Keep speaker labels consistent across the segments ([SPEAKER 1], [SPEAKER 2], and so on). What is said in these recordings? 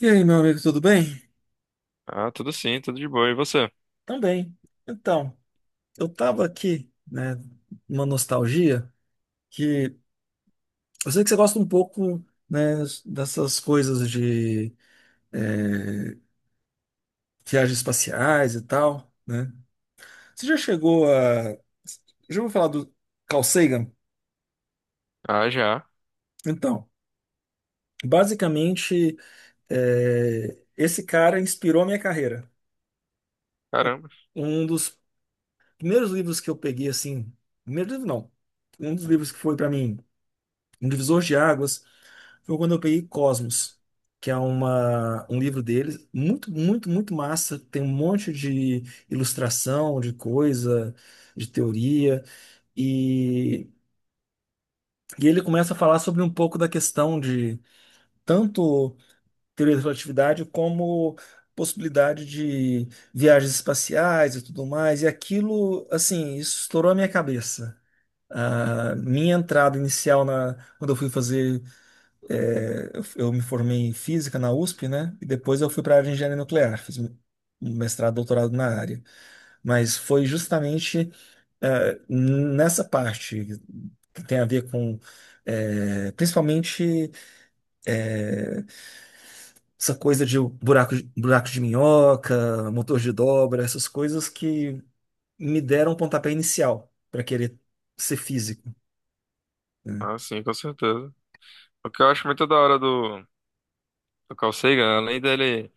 [SPEAKER 1] E aí, meu amigo, tudo bem?
[SPEAKER 2] Ah, tudo sim, tudo de boa. E você?
[SPEAKER 1] Também. Então, eu tava aqui, né, numa nostalgia que eu sei que você gosta um pouco, né, dessas coisas de é, viagens espaciais e tal, né? Você já chegou a... Já ouviu falar do Carl Sagan?
[SPEAKER 2] Ah, já.
[SPEAKER 1] Então, basicamente, é, esse cara inspirou a minha carreira. Um
[SPEAKER 2] Caramba.
[SPEAKER 1] um dos primeiros livros que eu peguei, assim, primeiro livro não, um dos livros que foi para mim um divisor de águas foi quando eu peguei Cosmos, que é um livro dele, muito, muito, muito massa. Tem um monte de ilustração, de coisa, de teoria. E, e ele começa a falar sobre um pouco da questão de tanto teoria da relatividade como possibilidade de viagens espaciais e tudo mais. E aquilo, assim, isso estourou a minha cabeça. A minha entrada inicial na, quando eu fui fazer É, eu me formei em física na USP, né? E depois eu fui para a área de engenharia nuclear, fiz um mestrado, doutorado na área. Mas foi justamente nessa parte que tem a ver com, principalmente essa coisa de buraco de minhoca, motor de dobra, essas coisas que me deram um pontapé inicial para querer ser físico, né?
[SPEAKER 2] Ah, sim, com certeza. O que eu acho muito da hora do, Carl Sagan, além dele,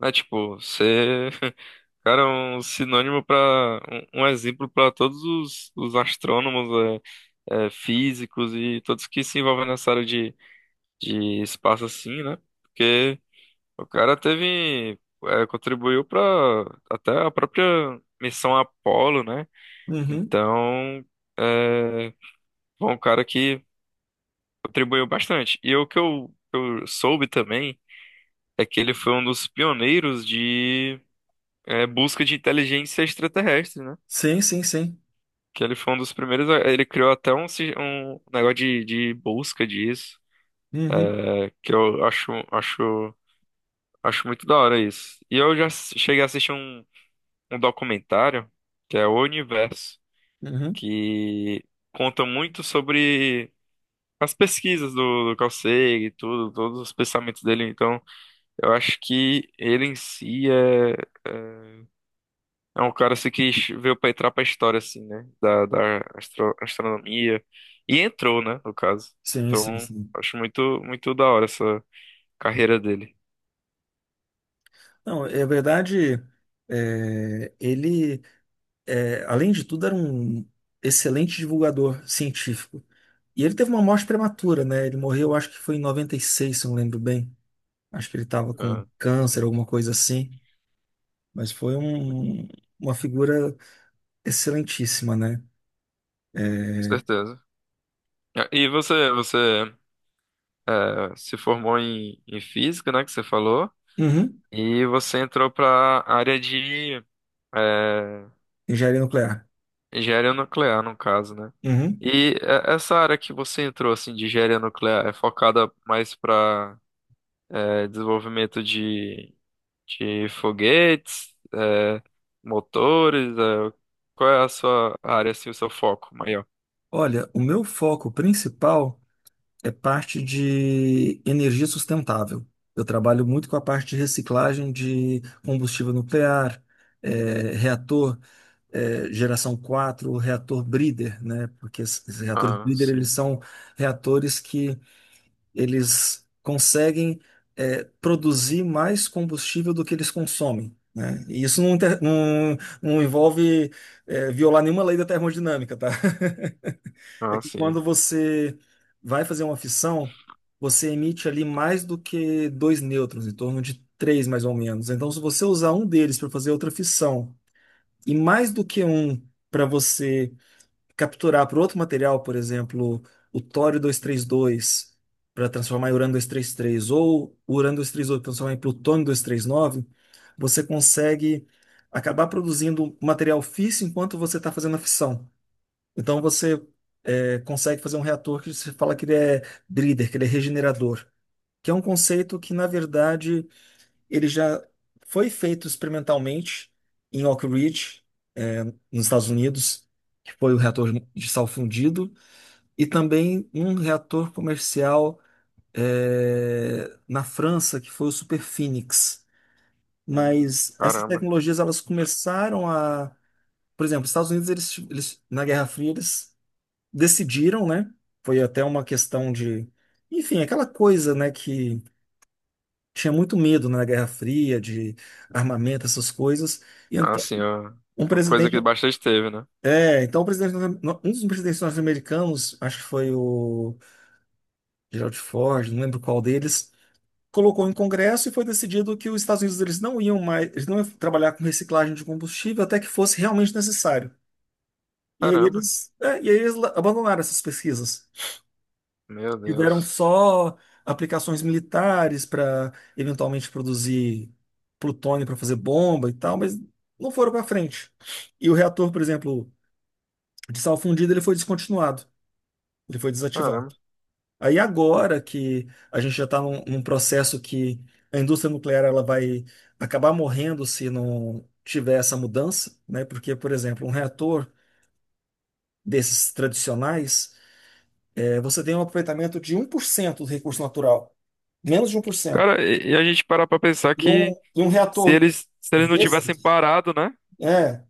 [SPEAKER 2] né, tipo, ser, cara, é um sinônimo para um, exemplo para todos os astrônomos, físicos e todos que se envolvem nessa área de espaço assim, né? Porque o cara teve, contribuiu para até a própria missão Apollo, né?
[SPEAKER 1] Uhum.
[SPEAKER 2] Então, é, foi um cara que contribuiu bastante. E o que eu soube também é que ele foi um dos pioneiros de busca de inteligência extraterrestre, né?
[SPEAKER 1] Sim, sim, sim.
[SPEAKER 2] Que ele foi um dos primeiros. Ele criou até um, um negócio de, busca disso,
[SPEAKER 1] Uhum.
[SPEAKER 2] que eu acho muito da hora isso. E eu já cheguei a assistir um, documentário, que é O Universo,
[SPEAKER 1] Uhum.
[SPEAKER 2] que conta muito sobre as pesquisas do Carl Sagan e tudo, todos os pensamentos dele. Então. Eu acho que ele em si é, é é um cara assim, que veio pra entrar pra história, assim, né? Da, da astronomia. E entrou, né? No caso.
[SPEAKER 1] Sim, sim,
[SPEAKER 2] Então,
[SPEAKER 1] sim.
[SPEAKER 2] acho muito, muito da hora essa carreira dele.
[SPEAKER 1] Não, é verdade, é, ele, é, além de tudo, era um excelente divulgador científico. E ele teve uma morte prematura, né? Ele morreu, acho que foi em 96, se eu não lembro bem. Acho que ele estava
[SPEAKER 2] É,
[SPEAKER 1] com
[SPEAKER 2] com
[SPEAKER 1] câncer, alguma coisa assim. Mas foi um- uma figura excelentíssima, né?
[SPEAKER 2] certeza. E você, se formou em física, né? Que você falou.
[SPEAKER 1] Uhum.
[SPEAKER 2] E você entrou pra área de
[SPEAKER 1] Engenharia nuclear.
[SPEAKER 2] engenharia nuclear, no caso, né?
[SPEAKER 1] Uhum.
[SPEAKER 2] E essa área que você entrou, assim, de engenharia nuclear, é focada mais para desenvolvimento de foguetes, motores? Qual é a sua área, assim, o seu foco maior?
[SPEAKER 1] Olha, o meu foco principal. É parte de energia sustentável. Eu trabalho muito com a parte de reciclagem de combustível nuclear, reator, geração 4, reator breeder, né? Porque esses reatores
[SPEAKER 2] Ah,
[SPEAKER 1] breeder, eles
[SPEAKER 2] sim.
[SPEAKER 1] são reatores que eles conseguem, produzir mais combustível do que eles consomem. Né? E não envolve violar nenhuma lei da termodinâmica, tá? É
[SPEAKER 2] Ah,
[SPEAKER 1] que
[SPEAKER 2] sim.
[SPEAKER 1] quando você vai fazer uma fissão, você emite ali mais do que dois nêutrons, em torno de três mais ou menos. Então, se você usar um deles para fazer outra fissão e mais do que um para você capturar para outro material, por exemplo, o tório 232 para transformar em urânio 233 ou o urânio 238 para transformar em plutônio 239, você consegue acabar produzindo material físsil enquanto você está fazendo a fissão. Então você consegue fazer um reator que você fala que ele é breeder, que ele é regenerador, que é um conceito que, na verdade, ele já foi feito experimentalmente em Oak Ridge, é, nos Estados Unidos, que foi o reator de sal fundido, e também um reator comercial é, na França, que foi o Super Phoenix. Mas essas
[SPEAKER 2] Caramba.
[SPEAKER 1] tecnologias por exemplo, os Estados Unidos eles na Guerra Fria eles decidiram, né? Foi até uma questão de, enfim, aquela coisa, né, que tinha muito medo né, na Guerra Fria de armamento, essas coisas. E
[SPEAKER 2] Ah,
[SPEAKER 1] então,
[SPEAKER 2] sim, ó.
[SPEAKER 1] um
[SPEAKER 2] Coisa
[SPEAKER 1] presidente,
[SPEAKER 2] que bastante teve, né?
[SPEAKER 1] é, então o presidente, um dos presidentes norte-americanos, acho que foi o Gerald Ford, não lembro qual deles, colocou em Congresso e foi decidido que os Estados Unidos eles não iam trabalhar com reciclagem de combustível até que fosse realmente necessário. E aí
[SPEAKER 2] Caramba.
[SPEAKER 1] e aí abandonaram essas pesquisas.
[SPEAKER 2] Meu
[SPEAKER 1] Tiveram
[SPEAKER 2] Deus.
[SPEAKER 1] só aplicações militares para eventualmente produzir plutônio para fazer bomba e tal, mas não foram para frente. E o reator, por exemplo, de sal fundido, ele foi descontinuado, ele foi desativado.
[SPEAKER 2] Caramba.
[SPEAKER 1] Aí agora que a gente já está num processo que a indústria nuclear ela vai acabar morrendo se não tiver essa mudança, né? Porque, por exemplo, um reator desses tradicionais, você tem um aproveitamento de 1% do recurso natural, menos de 1%.
[SPEAKER 2] Cara, e a gente parar pra pensar
[SPEAKER 1] E um,
[SPEAKER 2] que
[SPEAKER 1] e um
[SPEAKER 2] se
[SPEAKER 1] reator
[SPEAKER 2] eles, se eles não tivessem
[SPEAKER 1] desses,
[SPEAKER 2] parado, né?
[SPEAKER 1] é,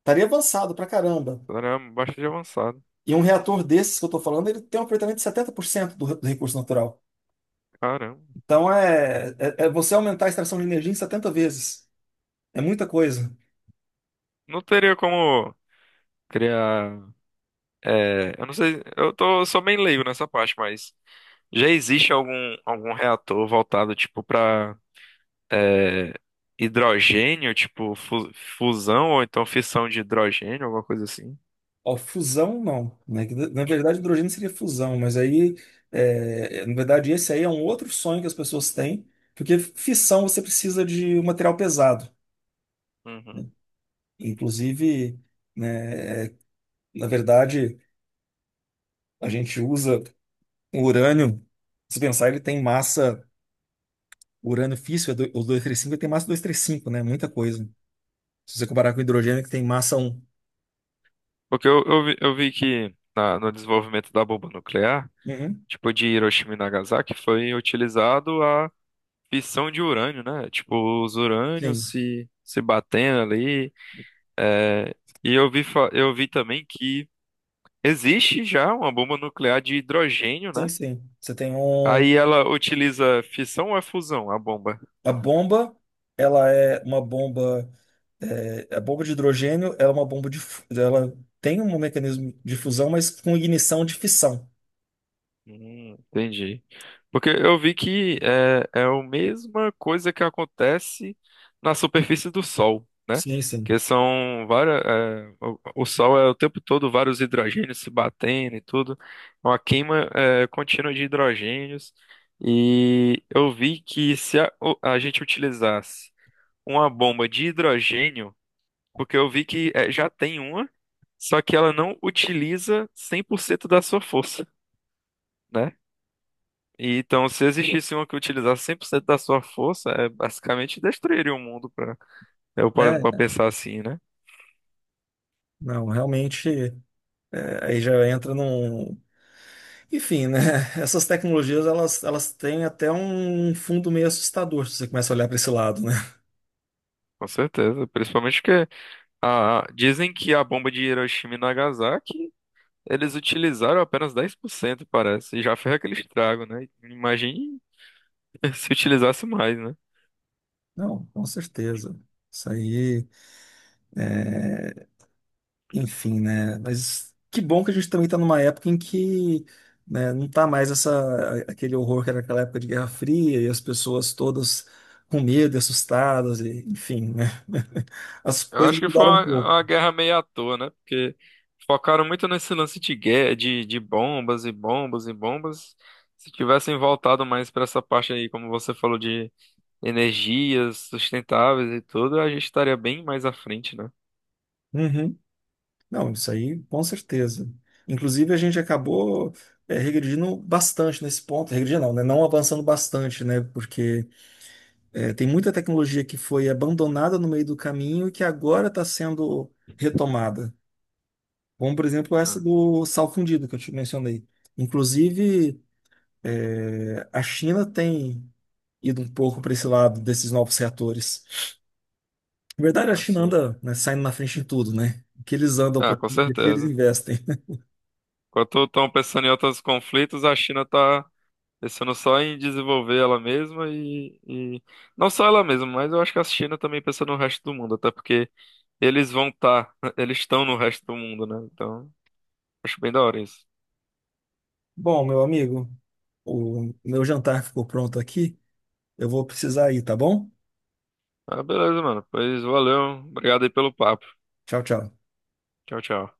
[SPEAKER 1] estaria avançado pra caramba.
[SPEAKER 2] Caramba, bastante avançado.
[SPEAKER 1] E um reator desses que eu tô falando, ele tem um aproveitamento de 70% do recurso natural.
[SPEAKER 2] Caramba.
[SPEAKER 1] Então é você aumentar a extração de energia em 70 vezes. É muita coisa.
[SPEAKER 2] Não teria como criar. Eu não sei, eu sou bem leigo nessa parte, mas já existe algum reator voltado, tipo, pra é, hidrogênio, tipo, fusão ou então fissão de hidrogênio, alguma coisa assim?
[SPEAKER 1] Ó, fusão, não. Né? Que Na na verdade, hidrogênio seria fusão, mas aí, é, na verdade, esse aí é um outro sonho que as pessoas têm, porque fissão você precisa de um material pesado.
[SPEAKER 2] Uhum.
[SPEAKER 1] Inclusive, né, é, na verdade, a gente usa. O urânio, se pensar, ele tem massa. O urânio físsil, o 235, ele tem massa 235, né? Muita coisa. Se você comparar com o hidrogênio, que tem massa um.
[SPEAKER 2] Porque eu vi que no desenvolvimento da bomba nuclear,
[SPEAKER 1] Uhum.
[SPEAKER 2] tipo, de Hiroshima e Nagasaki, foi utilizado a fissão de urânio, né? Tipo, os urânios
[SPEAKER 1] Sim,
[SPEAKER 2] se batendo ali. É, e eu vi também que existe já uma bomba nuclear de hidrogênio,
[SPEAKER 1] sim,
[SPEAKER 2] né?
[SPEAKER 1] sim. Você tem um.
[SPEAKER 2] Aí ela utiliza fissão ou é fusão, a bomba?
[SPEAKER 1] A bomba, ela é uma bomba. A bomba de hidrogênio, ela é uma bomba de. Fu- Ela tem um mecanismo de fusão, mas com ignição de fissão.
[SPEAKER 2] Entendi. Porque eu vi que é a mesma coisa que acontece na superfície do Sol, né?
[SPEAKER 1] Sim, sim.
[SPEAKER 2] Que são várias. O Sol é o tempo todo vários hidrogênios se batendo e tudo. É uma queima contínua de hidrogênios. E eu vi que se a gente utilizasse uma bomba de hidrogênio, porque eu vi que já tem uma, só que ela não utiliza 100% da sua força, né? E, então, se existisse uma que utilizasse 100% da sua força, basicamente destruiria o mundo, pra, né, eu parando pra
[SPEAKER 1] É,
[SPEAKER 2] pensar assim, né?
[SPEAKER 1] não, realmente. É, aí já entra num. Enfim, né? Essas tecnologias, elas têm até um fundo meio assustador, se você começa a olhar para esse lado, né?
[SPEAKER 2] Com certeza, principalmente porque dizem que a bomba de Hiroshima e Nagasaki, eles utilizaram apenas 10%, parece, e já fez aquele estrago, né? Imagine se utilizasse mais, né?
[SPEAKER 1] Não, com certeza. Isso aí, enfim, né? Mas que bom que a gente também está numa época em que, né, não tá mais essa, aquele horror que era aquela época de Guerra Fria e as pessoas todas com medo, e assustadas, e, enfim, né? As
[SPEAKER 2] Eu
[SPEAKER 1] coisas
[SPEAKER 2] acho que foi
[SPEAKER 1] mudaram um
[SPEAKER 2] uma,
[SPEAKER 1] pouco.
[SPEAKER 2] guerra meio à toa, né? Porque focaram muito nesse lance de guerra, de bombas e bombas e bombas. Se tivessem voltado mais para essa parte aí, como você falou, de energias sustentáveis e tudo, a gente estaria bem mais à frente, né?
[SPEAKER 1] Uhum. Não, isso aí com certeza. Inclusive, a gente acabou regredindo bastante nesse ponto. Regredindo não, né? Não avançando bastante, né? Porque é, tem muita tecnologia que foi abandonada no meio do caminho e que agora está sendo retomada. Como, por exemplo, essa
[SPEAKER 2] Ah,
[SPEAKER 1] do sal fundido que eu te mencionei. Inclusive, é, a China tem ido um pouco para esse lado desses novos reatores. Na verdade, a China
[SPEAKER 2] assim,
[SPEAKER 1] anda, né, saindo na frente em tudo, né? O que eles andam,
[SPEAKER 2] ah, com
[SPEAKER 1] o que eles
[SPEAKER 2] certeza.
[SPEAKER 1] investem.
[SPEAKER 2] Enquanto estão pensando em outros conflitos, a China tá pensando só em desenvolver ela mesma. Não só ela mesma, mas eu acho que a China também pensa no resto do mundo, até porque eles vão estar, eles estão no resto do mundo, né? Então, acho bem da hora isso.
[SPEAKER 1] Bom, meu amigo, o meu jantar ficou pronto aqui. Eu vou precisar ir, tá bom?
[SPEAKER 2] Ah, beleza, mano. Pois valeu. Obrigado aí pelo papo.
[SPEAKER 1] Tchau, tchau.
[SPEAKER 2] Tchau, tchau.